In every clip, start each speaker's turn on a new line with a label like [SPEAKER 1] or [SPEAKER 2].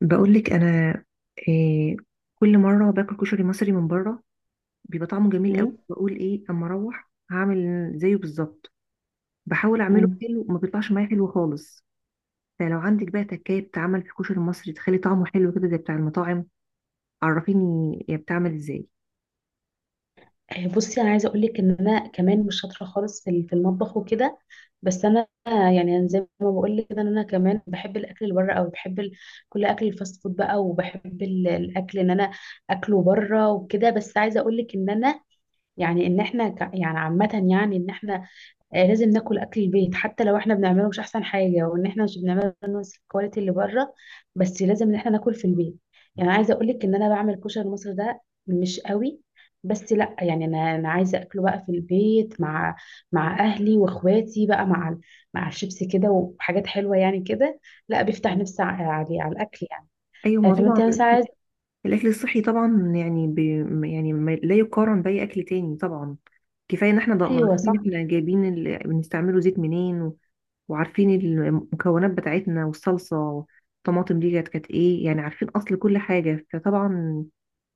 [SPEAKER 1] بقولك انا إيه. كل مره باكل كشري مصري من بره بيبقى طعمه جميل قوي.
[SPEAKER 2] مم.
[SPEAKER 1] بقول ايه اما اروح هعمل زيه بالظبط. بحاول اعمله
[SPEAKER 2] مم.
[SPEAKER 1] حلو وما بيطلعش معايا حلو خالص. فلو عندك بقى تكايه بتعمل في الكشري المصري تخلي طعمه حلو كده زي بتاع المطاعم، عرفيني هي بتعمل ازاي؟
[SPEAKER 2] آه، بصي انا عايزه اقول لك ان انا كمان مش شاطره خالص في المطبخ وكده. بس انا يعني أنا زي ما بقول لك كده ان انا كمان بحب الاكل اللي بره قوي، بحب كل اكل الفاست فود بقى، وبحب الاكل ان انا اكله بره وكده. بس عايزه اقول لك ان انا يعني ان احنا يعني عامه، يعني ان احنا لازم ناكل اكل البيت حتى لو احنا بنعمله مش احسن حاجه، وان احنا مش بنعمله نفس الكواليتي اللي بره، بس لازم ان احنا ناكل في البيت. يعني عايزه اقول لك ان انا بعمل كشري مصر ده مش قوي، بس لا يعني انا عايزه اكله بقى في البيت مع اهلي واخواتي بقى، مع الشيبس كده وحاجات حلوه يعني كده. لا بيفتح نفسي على الاكل يعني.
[SPEAKER 1] ايوه، ما
[SPEAKER 2] آه،
[SPEAKER 1] هو
[SPEAKER 2] فما
[SPEAKER 1] طبعا
[SPEAKER 2] انت مثلا
[SPEAKER 1] الاكل
[SPEAKER 2] عايزه.
[SPEAKER 1] الأكل الصحي طبعا، يعني يعني لا يقارن باي اكل تاني طبعا. كفايه ان احنا
[SPEAKER 2] ايوه،
[SPEAKER 1] عارفين
[SPEAKER 2] صح.
[SPEAKER 1] احنا جايبين بنستعمله زيت منين، وعارفين المكونات بتاعتنا والصلصة والطماطم دي كانت ايه، يعني عارفين اصل كل حاجة، فطبعا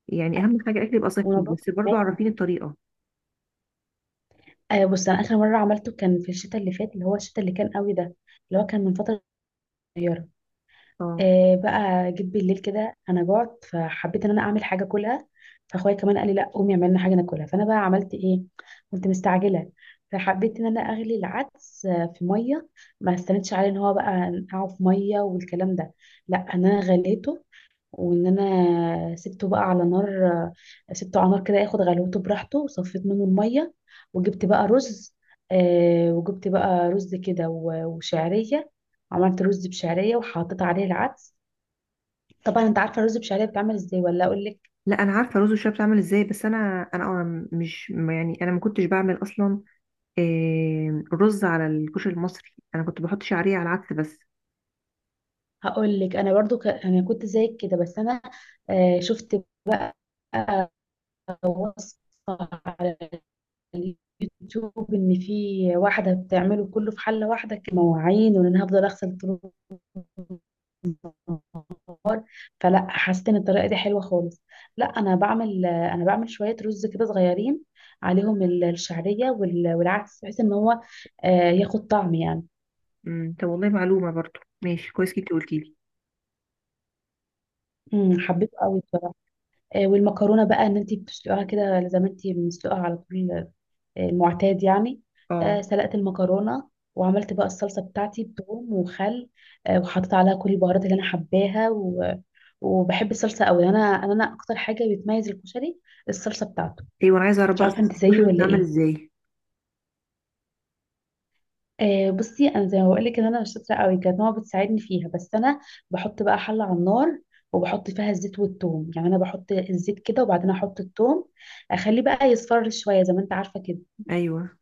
[SPEAKER 1] يعني اهم حاجة الاكل يبقى صحي
[SPEAKER 2] ونظافه
[SPEAKER 1] بس برضو
[SPEAKER 2] كمان.
[SPEAKER 1] عارفين الطريقة.
[SPEAKER 2] آه، بص، انا اخر مره عملته كان في الشتاء اللي فات، اللي هو الشتاء اللي كان قوي ده، اللي هو كان من فتره صغيره.
[SPEAKER 1] اه.
[SPEAKER 2] آه، بقى جيت بالليل كده انا جعت، فحبيت ان انا اعمل حاجه اكلها. فاخويا كمان قال لي لا، قومي اعملي لنا حاجه ناكلها. فانا بقى عملت ايه، كنت مستعجله، فحبيت ان انا اغلي العدس في ميه. ما استنتش عليه ان هو بقى نقعه في ميه والكلام ده، لا ان انا غليته، وان انا سبته بقى على نار، سبته على نار كده ياخد غلوته براحته، وصفيت منه الميه وجبت بقى رز. وجبت بقى رز كده وشعريه. عملت رز بشعريه وحطيت عليه العدس. طبعا انت عارفه الرز بشعريه بيتعمل ازاي ولا اقول لك؟
[SPEAKER 1] لا، انا عارفة رز الشعب بتعمل ازاي، بس انا انا أنا مش يعني انا ما كنتش بعمل اصلا رز على الكشري المصري، انا كنت بحط شعرية على العدس بس.
[SPEAKER 2] هقول لك انا برضو انا كنت زيك كده، بس انا شفت بقى وصفه على اليوتيوب ان في واحده بتعمله كله في حله واحده، كمواعين، وان انا هفضل اغسل طول النهار، فلا حسيت ان الطريقه دي حلوه خالص. لا انا بعمل، انا بعمل شويه رز كده صغيرين، عليهم الشعريه والعدس بحيث ان هو ياخد طعم يعني.
[SPEAKER 1] طب والله معلومة برضو ماشي كويس جدا قلتي لي.
[SPEAKER 2] مم، حبيته قوي بصراحه. آه، والمكرونه بقى ان انت بتسلقيها كده زي ما انت مسلقها على طول، المعتاد يعني.
[SPEAKER 1] اه،
[SPEAKER 2] سلقت المكرونه وعملت بقى الصلصه بتاعتي بثوم وخل. وحطيت عليها كل البهارات اللي انا حباها وبحب الصلصه قوي. انا اكتر حاجه بتميز الكشري الصلصه بتاعته.
[SPEAKER 1] ايوه، انا عايزة اعرف
[SPEAKER 2] مش
[SPEAKER 1] بقى
[SPEAKER 2] عارفه
[SPEAKER 1] صلصة
[SPEAKER 2] انت زيي
[SPEAKER 1] الكشري
[SPEAKER 2] ولا
[SPEAKER 1] بتتعمل
[SPEAKER 2] ايه.
[SPEAKER 1] ازاي؟
[SPEAKER 2] آه، بصي، انا زي ما بقول لك ان انا مش شاطره قوي، كانت ماما بتساعدني فيها، بس انا بحط بقى حله على النار وبحط فيها الزيت والثوم. يعني انا بحط الزيت كده وبعدين احط الثوم، اخليه بقى يصفر شويه زي ما انت عارفه كده،
[SPEAKER 1] ايوه،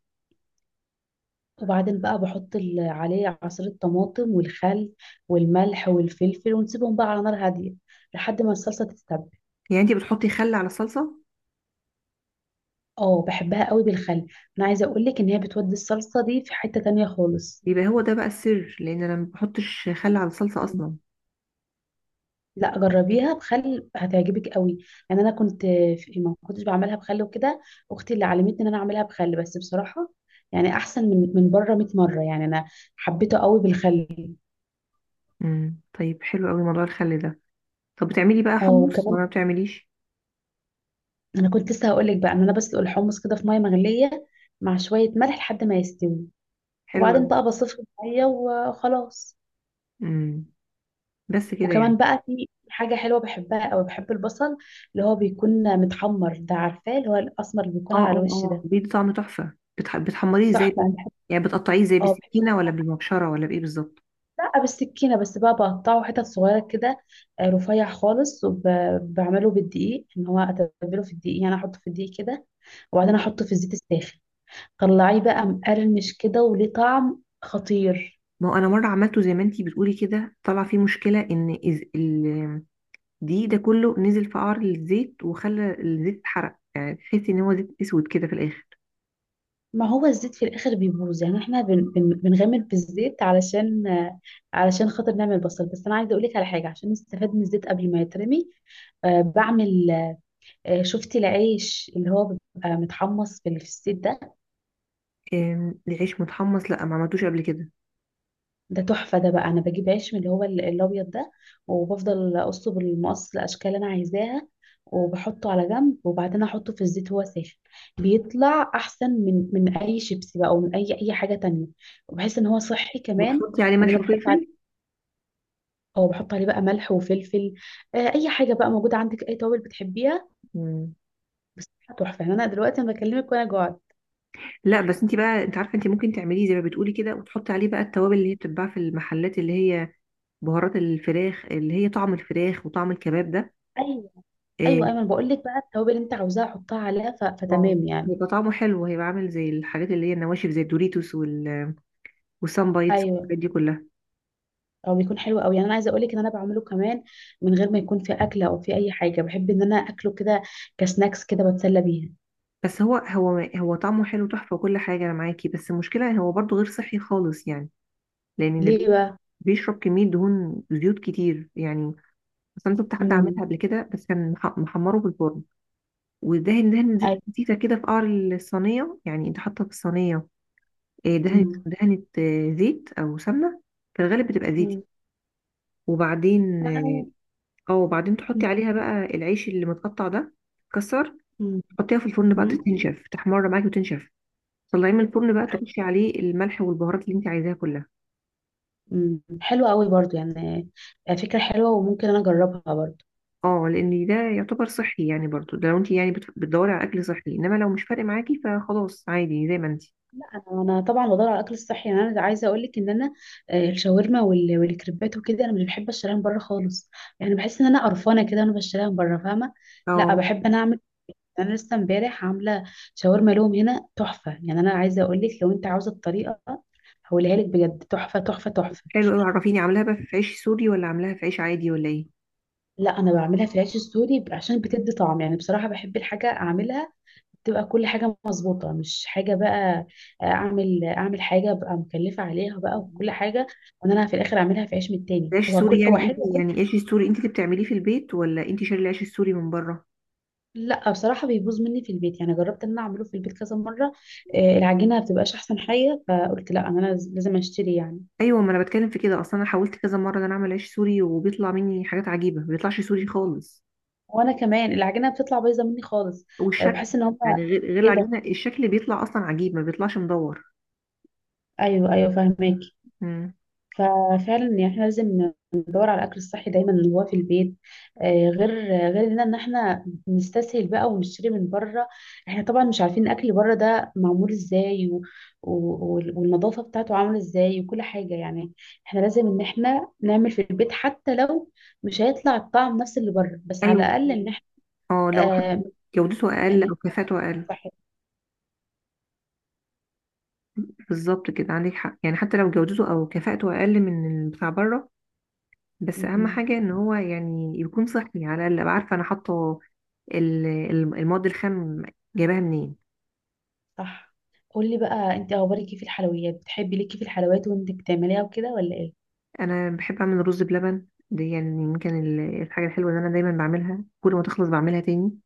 [SPEAKER 2] وبعدين بقى بحط عليه عصير طماطم والخل والملح والفلفل ونسيبهم بقى على نار هاديه لحد ما الصلصه تتسبك.
[SPEAKER 1] يعني انت بتحطي خل على الصلصة؟
[SPEAKER 2] اه، بحبها قوي بالخل. انا عايزه اقول لك ان هي بتودي الصلصه دي في حته تانية خالص.
[SPEAKER 1] بيبقى هو ده بقى السر، لان انا ما بحطش خل على الصلصه اصلا.
[SPEAKER 2] لا، جربيها بخل هتعجبك قوي. يعني انا كنت ما كنتش بعملها بخل وكده، اختي اللي علمتني ان انا اعملها بخل. بس بصراحه يعني احسن من بره 100 مره يعني. انا حبيته قوي بالخل.
[SPEAKER 1] طيب حلو قوي موضوع الخل ده. طب بتعملي بقى
[SPEAKER 2] اه
[SPEAKER 1] حمص
[SPEAKER 2] وكمان،
[SPEAKER 1] ولا ما بتعمليش؟
[SPEAKER 2] انا كنت لسه هقول لك بقى ان انا بسلق الحمص كده في ميه مغليه مع شويه ملح لحد ما يستوي،
[SPEAKER 1] حلو
[SPEAKER 2] وبعدين
[SPEAKER 1] قوي.
[SPEAKER 2] بقى بصفي الميه وخلاص.
[SPEAKER 1] امم بس كده
[SPEAKER 2] وكمان
[SPEAKER 1] يعني.
[SPEAKER 2] بقى في حاجه حلوه بحبها قوي، بحب البصل اللي هو بيكون متحمر ده، عارفاه؟ اللي هو الاسمر اللي بيكون
[SPEAKER 1] اه، اه،
[SPEAKER 2] على الوش
[SPEAKER 1] اه،
[SPEAKER 2] ده.
[SPEAKER 1] بيدي طعم تحفه، بتحمريه ازاي
[SPEAKER 2] تحفه.
[SPEAKER 1] بقى؟
[SPEAKER 2] أنا بحب،
[SPEAKER 1] يعني بتقطعيه ازاي،
[SPEAKER 2] اه بحب،
[SPEAKER 1] بالسكينه ولا بالمبشره ولا بايه بالظبط؟
[SPEAKER 2] لا بالسكينة بس بقى، بقطعه حتت صغيرة كده، رفيع خالص، وبعمله بالدقيق، ان هو اتبله في الدقيق يعني احطه في الدقيق كده وبعدين احطه في الزيت الساخن، طلعيه بقى مقرمش كده وليه طعم خطير.
[SPEAKER 1] ما هو انا مره عملته زي ما انتي بتقولي كده طلع فيه مشكله، ان دي ده كله نزل في قعر الزيت وخلى الزيت اتحرق، يعني تحسي ان هو زيت اسود كده في الاخر.
[SPEAKER 2] ما هو الزيت في الاخر بيبوظ، يعني احنا بن بن بنغامر في الزيت علشان، علشان خاطر نعمل بصل. بس انا عايزه اقول لك على حاجه عشان نستفاد من الزيت قبل ما يترمي. آه، بعمل آه، شفتي العيش اللي هو بيبقى متحمص في الزيت ده؟
[SPEAKER 1] العيش متحمص؟ لا، ما عملتوش قبل كده.
[SPEAKER 2] ده تحفة. ده بقى أنا بجيب عيش من اللي هو الأبيض ده، وبفضل أقصه بالمقص الأشكال اللي أنا عايزاها، وبحطه على جنب، وبعدين أحطه في الزيت وهو ساخن. بيطلع أحسن من أي شيبسي بقى، أو من أي حاجة تانية. وبحس إن هو صحي كمان.
[SPEAKER 1] وتحطي عليه
[SPEAKER 2] وإن
[SPEAKER 1] ملح
[SPEAKER 2] أنا بحط
[SPEAKER 1] وفلفل؟
[SPEAKER 2] عليه، أو بحط عليه بقى ملح وفلفل، أي حاجة بقى موجودة عندك، أي توابل بتحبيها
[SPEAKER 1] مم.
[SPEAKER 2] بس. تحفة يعني. أنا دلوقتي أنا بكلمك وأنا جوعت.
[SPEAKER 1] لا، بس انت بقى انت عارفه انت ممكن تعمليه زي ما بتقولي كده، وتحطي عليه بقى التوابل اللي هي بتتباع في المحلات، اللي هي بهارات الفراخ اللي هي طعم الفراخ وطعم الكباب ده.
[SPEAKER 2] أيوه، أيوه،
[SPEAKER 1] آه،
[SPEAKER 2] أيمن بقول لك بقى، التوابل اللي أنت عاوزاها حطها عليها،
[SPEAKER 1] اه
[SPEAKER 2] فتمام يعني.
[SPEAKER 1] هيبقى طعمه حلو، هيبقى عامل زي الحاجات اللي هي النواشف زي الدوريتوس والسان بايتس
[SPEAKER 2] أيوه.
[SPEAKER 1] والحاجات دي كلها.
[SPEAKER 2] او بيكون حلو قوي يعني. انا عايزه اقول لك ان انا بعمله كمان من غير ما يكون في اكله او في اي حاجه. بحب ان انا اكله كده كسناكس كده، بتسلى بيها.
[SPEAKER 1] بس هو طعمه حلو تحفه وكل حاجه انا معاكي، بس المشكله هو برضه غير صحي خالص يعني، لان ده
[SPEAKER 2] ليه بقى؟
[SPEAKER 1] بيشرب كميه دهون زيوت كتير يعني. اصلا شفت حد عملها
[SPEAKER 2] امم،
[SPEAKER 1] قبل كده بس كان محمره في الفرن، ودهن دهن زيت
[SPEAKER 2] اي،
[SPEAKER 1] خفيفة كده في قعر الصينية، يعني انت حاطة في الصينية دهنة
[SPEAKER 2] امم،
[SPEAKER 1] دهنة زيت أو سمنة، في الغالب بتبقى زيتي.
[SPEAKER 2] امم،
[SPEAKER 1] وبعدين
[SPEAKER 2] آه،
[SPEAKER 1] اه آه، وبعدين تحطي
[SPEAKER 2] أمم،
[SPEAKER 1] عليها بقى العيش اللي متقطع ده كسر،
[SPEAKER 2] أمم،
[SPEAKER 1] تحطيها في الفرن بقى
[SPEAKER 2] أمم.
[SPEAKER 1] تنشف، تحمر معاكي وتنشف. طلعيه من الفرن بقى،
[SPEAKER 2] أي.
[SPEAKER 1] ترشي عليه الملح والبهارات اللي انت عايزاها كلها.
[SPEAKER 2] أمم. حلو قوي برضو يعني. آه، فكره حلوه وممكن انا اجربها برضو.
[SPEAKER 1] اه، لان ده يعتبر صحي يعني برضو، ده لو انت يعني بتدوري على اكل صحي، انما لو مش فارق معاكي فخلاص عادي زي ما انت.
[SPEAKER 2] انا، أنا طبعا بدور على الاكل الصحي يعني. انا عايزه اقول لك ان انا الشاورما والكريبات وكده انا مش بحب اشتريها من بره خالص. يعني بحس ان انا قرفانه كده وانا بشتريها من بره، فاهمه؟ لا
[SPEAKER 1] اه،
[SPEAKER 2] بحب انا اعمل، انا لسه امبارح عامله شاورما لهم هنا تحفه. يعني انا عايزه اقول لك لو انت عاوزه الطريقه هقولها لك بجد، تحفه تحفه تحفه.
[SPEAKER 1] حلو قوي. عرفيني عاملاها بقى في عيش سوري ولا عاملاها في عيش عادي ولا ايه؟
[SPEAKER 2] لا، انا بعملها في العيش السوري عشان بتدي طعم يعني. بصراحه بحب الحاجه اعملها تبقى كل حاجه مظبوطه، مش حاجه بقى اعمل، اعمل حاجه ابقى مكلفه عليها بقى وكل حاجه، وان انا في الاخر اعملها في عيش من التاني.
[SPEAKER 1] العيش
[SPEAKER 2] هو
[SPEAKER 1] السوري،
[SPEAKER 2] كل هو
[SPEAKER 1] يعني انت
[SPEAKER 2] حلو وكل.
[SPEAKER 1] يعني العيش السوري انت اللي بتعمليه في البيت ولا انت شاري العيش السوري من بره؟
[SPEAKER 2] لا بصراحه بيبوظ مني في البيت. يعني جربت ان انا اعمله في البيت كذا مره، العجينه ما بتبقاش احسن حاجه، فقلت لا، انا لازم اشتري يعني.
[SPEAKER 1] ايوه، ما انا بتكلم في كده اصلا، انا حاولت كذا مره ان انا اعمل عيش سوري وبيطلع مني حاجات عجيبه، ما بيطلعش سوري خالص.
[SPEAKER 2] وانا كمان العجينه بتطلع بايظه مني خالص. آه،
[SPEAKER 1] والشكل،
[SPEAKER 2] بحس ان هم.
[SPEAKER 1] يعني غير
[SPEAKER 2] ايه ده؟
[SPEAKER 1] العجينه، الشكل بيطلع اصلا عجيب، ما بيطلعش مدور.
[SPEAKER 2] ايوه، ايوه، فاهماكي.
[SPEAKER 1] امم.
[SPEAKER 2] ففعلا يعني احنا لازم ندور على الاكل الصحي دايما اللي هو في البيت، غير ان ان احنا نستسهل بقى ونشتري من بره. احنا طبعا مش عارفين الاكل بره ده معمول ازاي و... والنظافه بتاعته عامله ازاي، وكل حاجه يعني. احنا لازم ان احنا نعمل في البيت حتى لو مش هيطلع الطعم نفس اللي بره، بس على
[SPEAKER 1] ايوه.
[SPEAKER 2] الاقل ان احنا
[SPEAKER 1] اه، لو
[SPEAKER 2] آه...
[SPEAKER 1] حتى جودته اقل
[SPEAKER 2] ن- ن-
[SPEAKER 1] او كفاءته اقل. بالظبط كده، عندك حق، يعني حتى لو جودته او كفاءته اقل من بتاع بره، بس
[SPEAKER 2] صحي.
[SPEAKER 1] اهم حاجه ان هو يعني يكون صحي، على الاقل ابقى عارفه انا حاطه المواد الخام جايباها منين.
[SPEAKER 2] صح. قولي بقى انت، اخبارك ايه في الحلويات؟ بتحبي ليكي في الحلويات وانت بتعمليها وكده ولا ايه؟
[SPEAKER 1] انا بحب اعمل رز بلبن دي، يعني يمكن الحاجه الحلوه اللي انا دايما بعملها، كل ما تخلص بعملها تاني.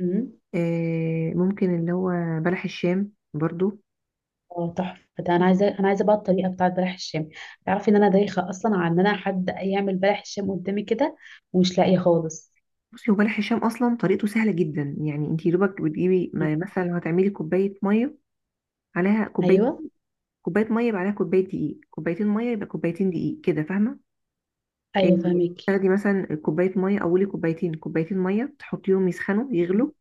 [SPEAKER 2] امم.
[SPEAKER 1] ممكن اللي هو بلح الشام برضو.
[SPEAKER 2] اه، تحفه ده. انا عايزه، انا عايزه بقى الطريقه بتاعت بلح الشام. تعرفي ان انا دايخه اصلا على ان انا حد يعمل بلح الشام قدامي كده ومش لاقيه خالص.
[SPEAKER 1] بصي، هو بلح الشام اصلا طريقته سهله جدا، يعني انت دوبك بتجيبي
[SPEAKER 2] مم.
[SPEAKER 1] مثلا لو هتعملي كوبايه ميه عليها كوبايه
[SPEAKER 2] ايوه،
[SPEAKER 1] كوبايه ميه، يبقى عليها كوبايه دقيق، كوبايتين ميه يبقى كوبايتين دقيق كده، فاهمه؟
[SPEAKER 2] ايوه،
[SPEAKER 1] آه،
[SPEAKER 2] فهميكي.
[SPEAKER 1] تاخدي مثلا كوبايه ميه اولي، كوبايتين ميه، تحطيهم يسخنوا
[SPEAKER 2] أمم.
[SPEAKER 1] يغلوا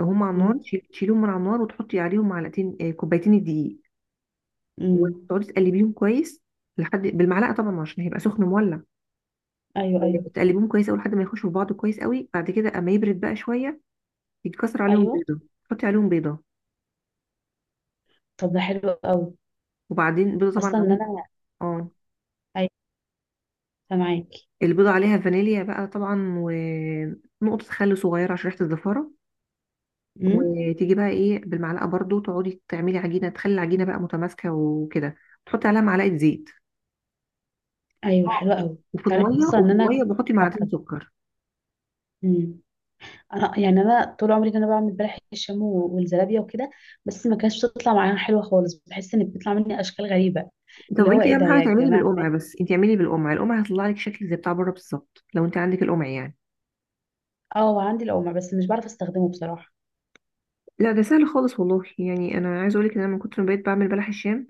[SPEAKER 1] هم على النار،
[SPEAKER 2] امم.
[SPEAKER 1] تشيليهم من على النار وتحطي عليهم معلقتين آه، كوبايتين الدقيق،
[SPEAKER 2] امم.
[SPEAKER 1] وتقعدي تقلبيهم كويس لحد بالمعلقه طبعا، عشان هيبقى سخن مولع.
[SPEAKER 2] ايوه. ايوه.
[SPEAKER 1] تقلبيهم كويس قوي لحد ما يخشوا في بعض كويس قوي، بعد كده اما يبرد بقى شويه يتكسر عليهم
[SPEAKER 2] ايوه.
[SPEAKER 1] بيضه، تحطي عليهم بيضه،
[SPEAKER 2] طب ده حلو قوي
[SPEAKER 1] وبعدين بيضه طبعا
[SPEAKER 2] اصلا ان
[SPEAKER 1] عليهم،
[SPEAKER 2] انا.
[SPEAKER 1] اه
[SPEAKER 2] ايوه. معاكي.
[SPEAKER 1] البيضه عليها فانيليا بقى طبعا، ونقطه خل صغيره عشان ريحه الزفاره.
[SPEAKER 2] امم.
[SPEAKER 1] وتيجي بقى ايه بالمعلقه برضو تقعدي تعملي عجينه، تخلي العجينه بقى متماسكه وكده، تحطي عليها معلقه زيت.
[SPEAKER 2] ايوه. حلو
[SPEAKER 1] آه.
[SPEAKER 2] قوي.
[SPEAKER 1] وفي
[SPEAKER 2] تعرفي
[SPEAKER 1] الميه
[SPEAKER 2] اصلا
[SPEAKER 1] وفي
[SPEAKER 2] ان انا
[SPEAKER 1] الميه
[SPEAKER 2] كنت
[SPEAKER 1] بحطي
[SPEAKER 2] دايخة
[SPEAKER 1] معلقتين
[SPEAKER 2] على
[SPEAKER 1] سكر.
[SPEAKER 2] الطريقة. انا يعني انا طول عمري انا بعمل بلح الشام والزلابيه وكده، بس ما كانتش بتطلع معايا حلوه خالص. بحس ان بتطلع مني اشكال غريبه.
[SPEAKER 1] طب
[SPEAKER 2] اللي هو
[SPEAKER 1] انت
[SPEAKER 2] ايه ده
[SPEAKER 1] اهم حاجه
[SPEAKER 2] يا
[SPEAKER 1] تعملي
[SPEAKER 2] جماعه؟
[SPEAKER 1] بالقمع، بس انت اعملي بالقمع، القمع هيطلع لك شكل زي بتاع بره بالظبط لو انت عندك القمع يعني.
[SPEAKER 2] اه، عندي القمع بس مش بعرف استخدمه بصراحه.
[SPEAKER 1] لا، ده سهل خالص والله، يعني انا عايزه اقول لك ان انا من كتر ما بقيت بعمل بلح الشام،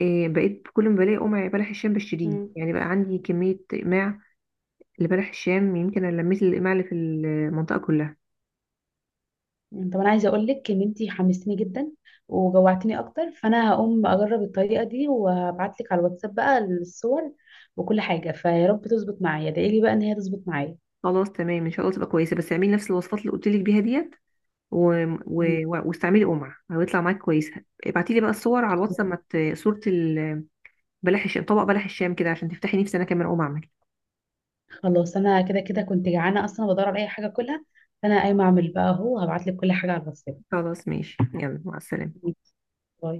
[SPEAKER 1] إيه، بقيت كل ما بلاقي قمع بلح الشام بشتريه،
[SPEAKER 2] مم.
[SPEAKER 1] يعني بقى عندي كميه اقماع لبلح الشام، يمكن انا لميت الاقماع اللي في المنطقه كلها.
[SPEAKER 2] طب انا عايزه اقول لك ان انتي حمستني جدا وجوعتني اكتر، فانا هقوم اجرب الطريقه دي وهبعت لك على الواتساب بقى الصور وكل حاجه. فيا رب تظبط معايا، ادعي لي بقى ان هي تظبط معايا.
[SPEAKER 1] خلاص تمام، ان شاء الله تبقى كويسه، بس اعملي نفس الوصفات اللي قلت لك بيها ديت، و... و...
[SPEAKER 2] مم.
[SPEAKER 1] واستعملي قمع هيطلع معاك كويس. ابعتي لي بقى الصور على الواتس لما صوره بلح الشام، طبق بلح الشام كده عشان تفتحي نفسي انا كمان اقوم اعمل.
[SPEAKER 2] خلاص، انا كده كده كنت جعانه اصلا بدور على اي حاجه اكلها، فانا قايمه اعمل بقى اهو، هبعت لك كل حاجه على الواتساب.
[SPEAKER 1] خلاص، ماشي يلا، مع السلامة.
[SPEAKER 2] باي.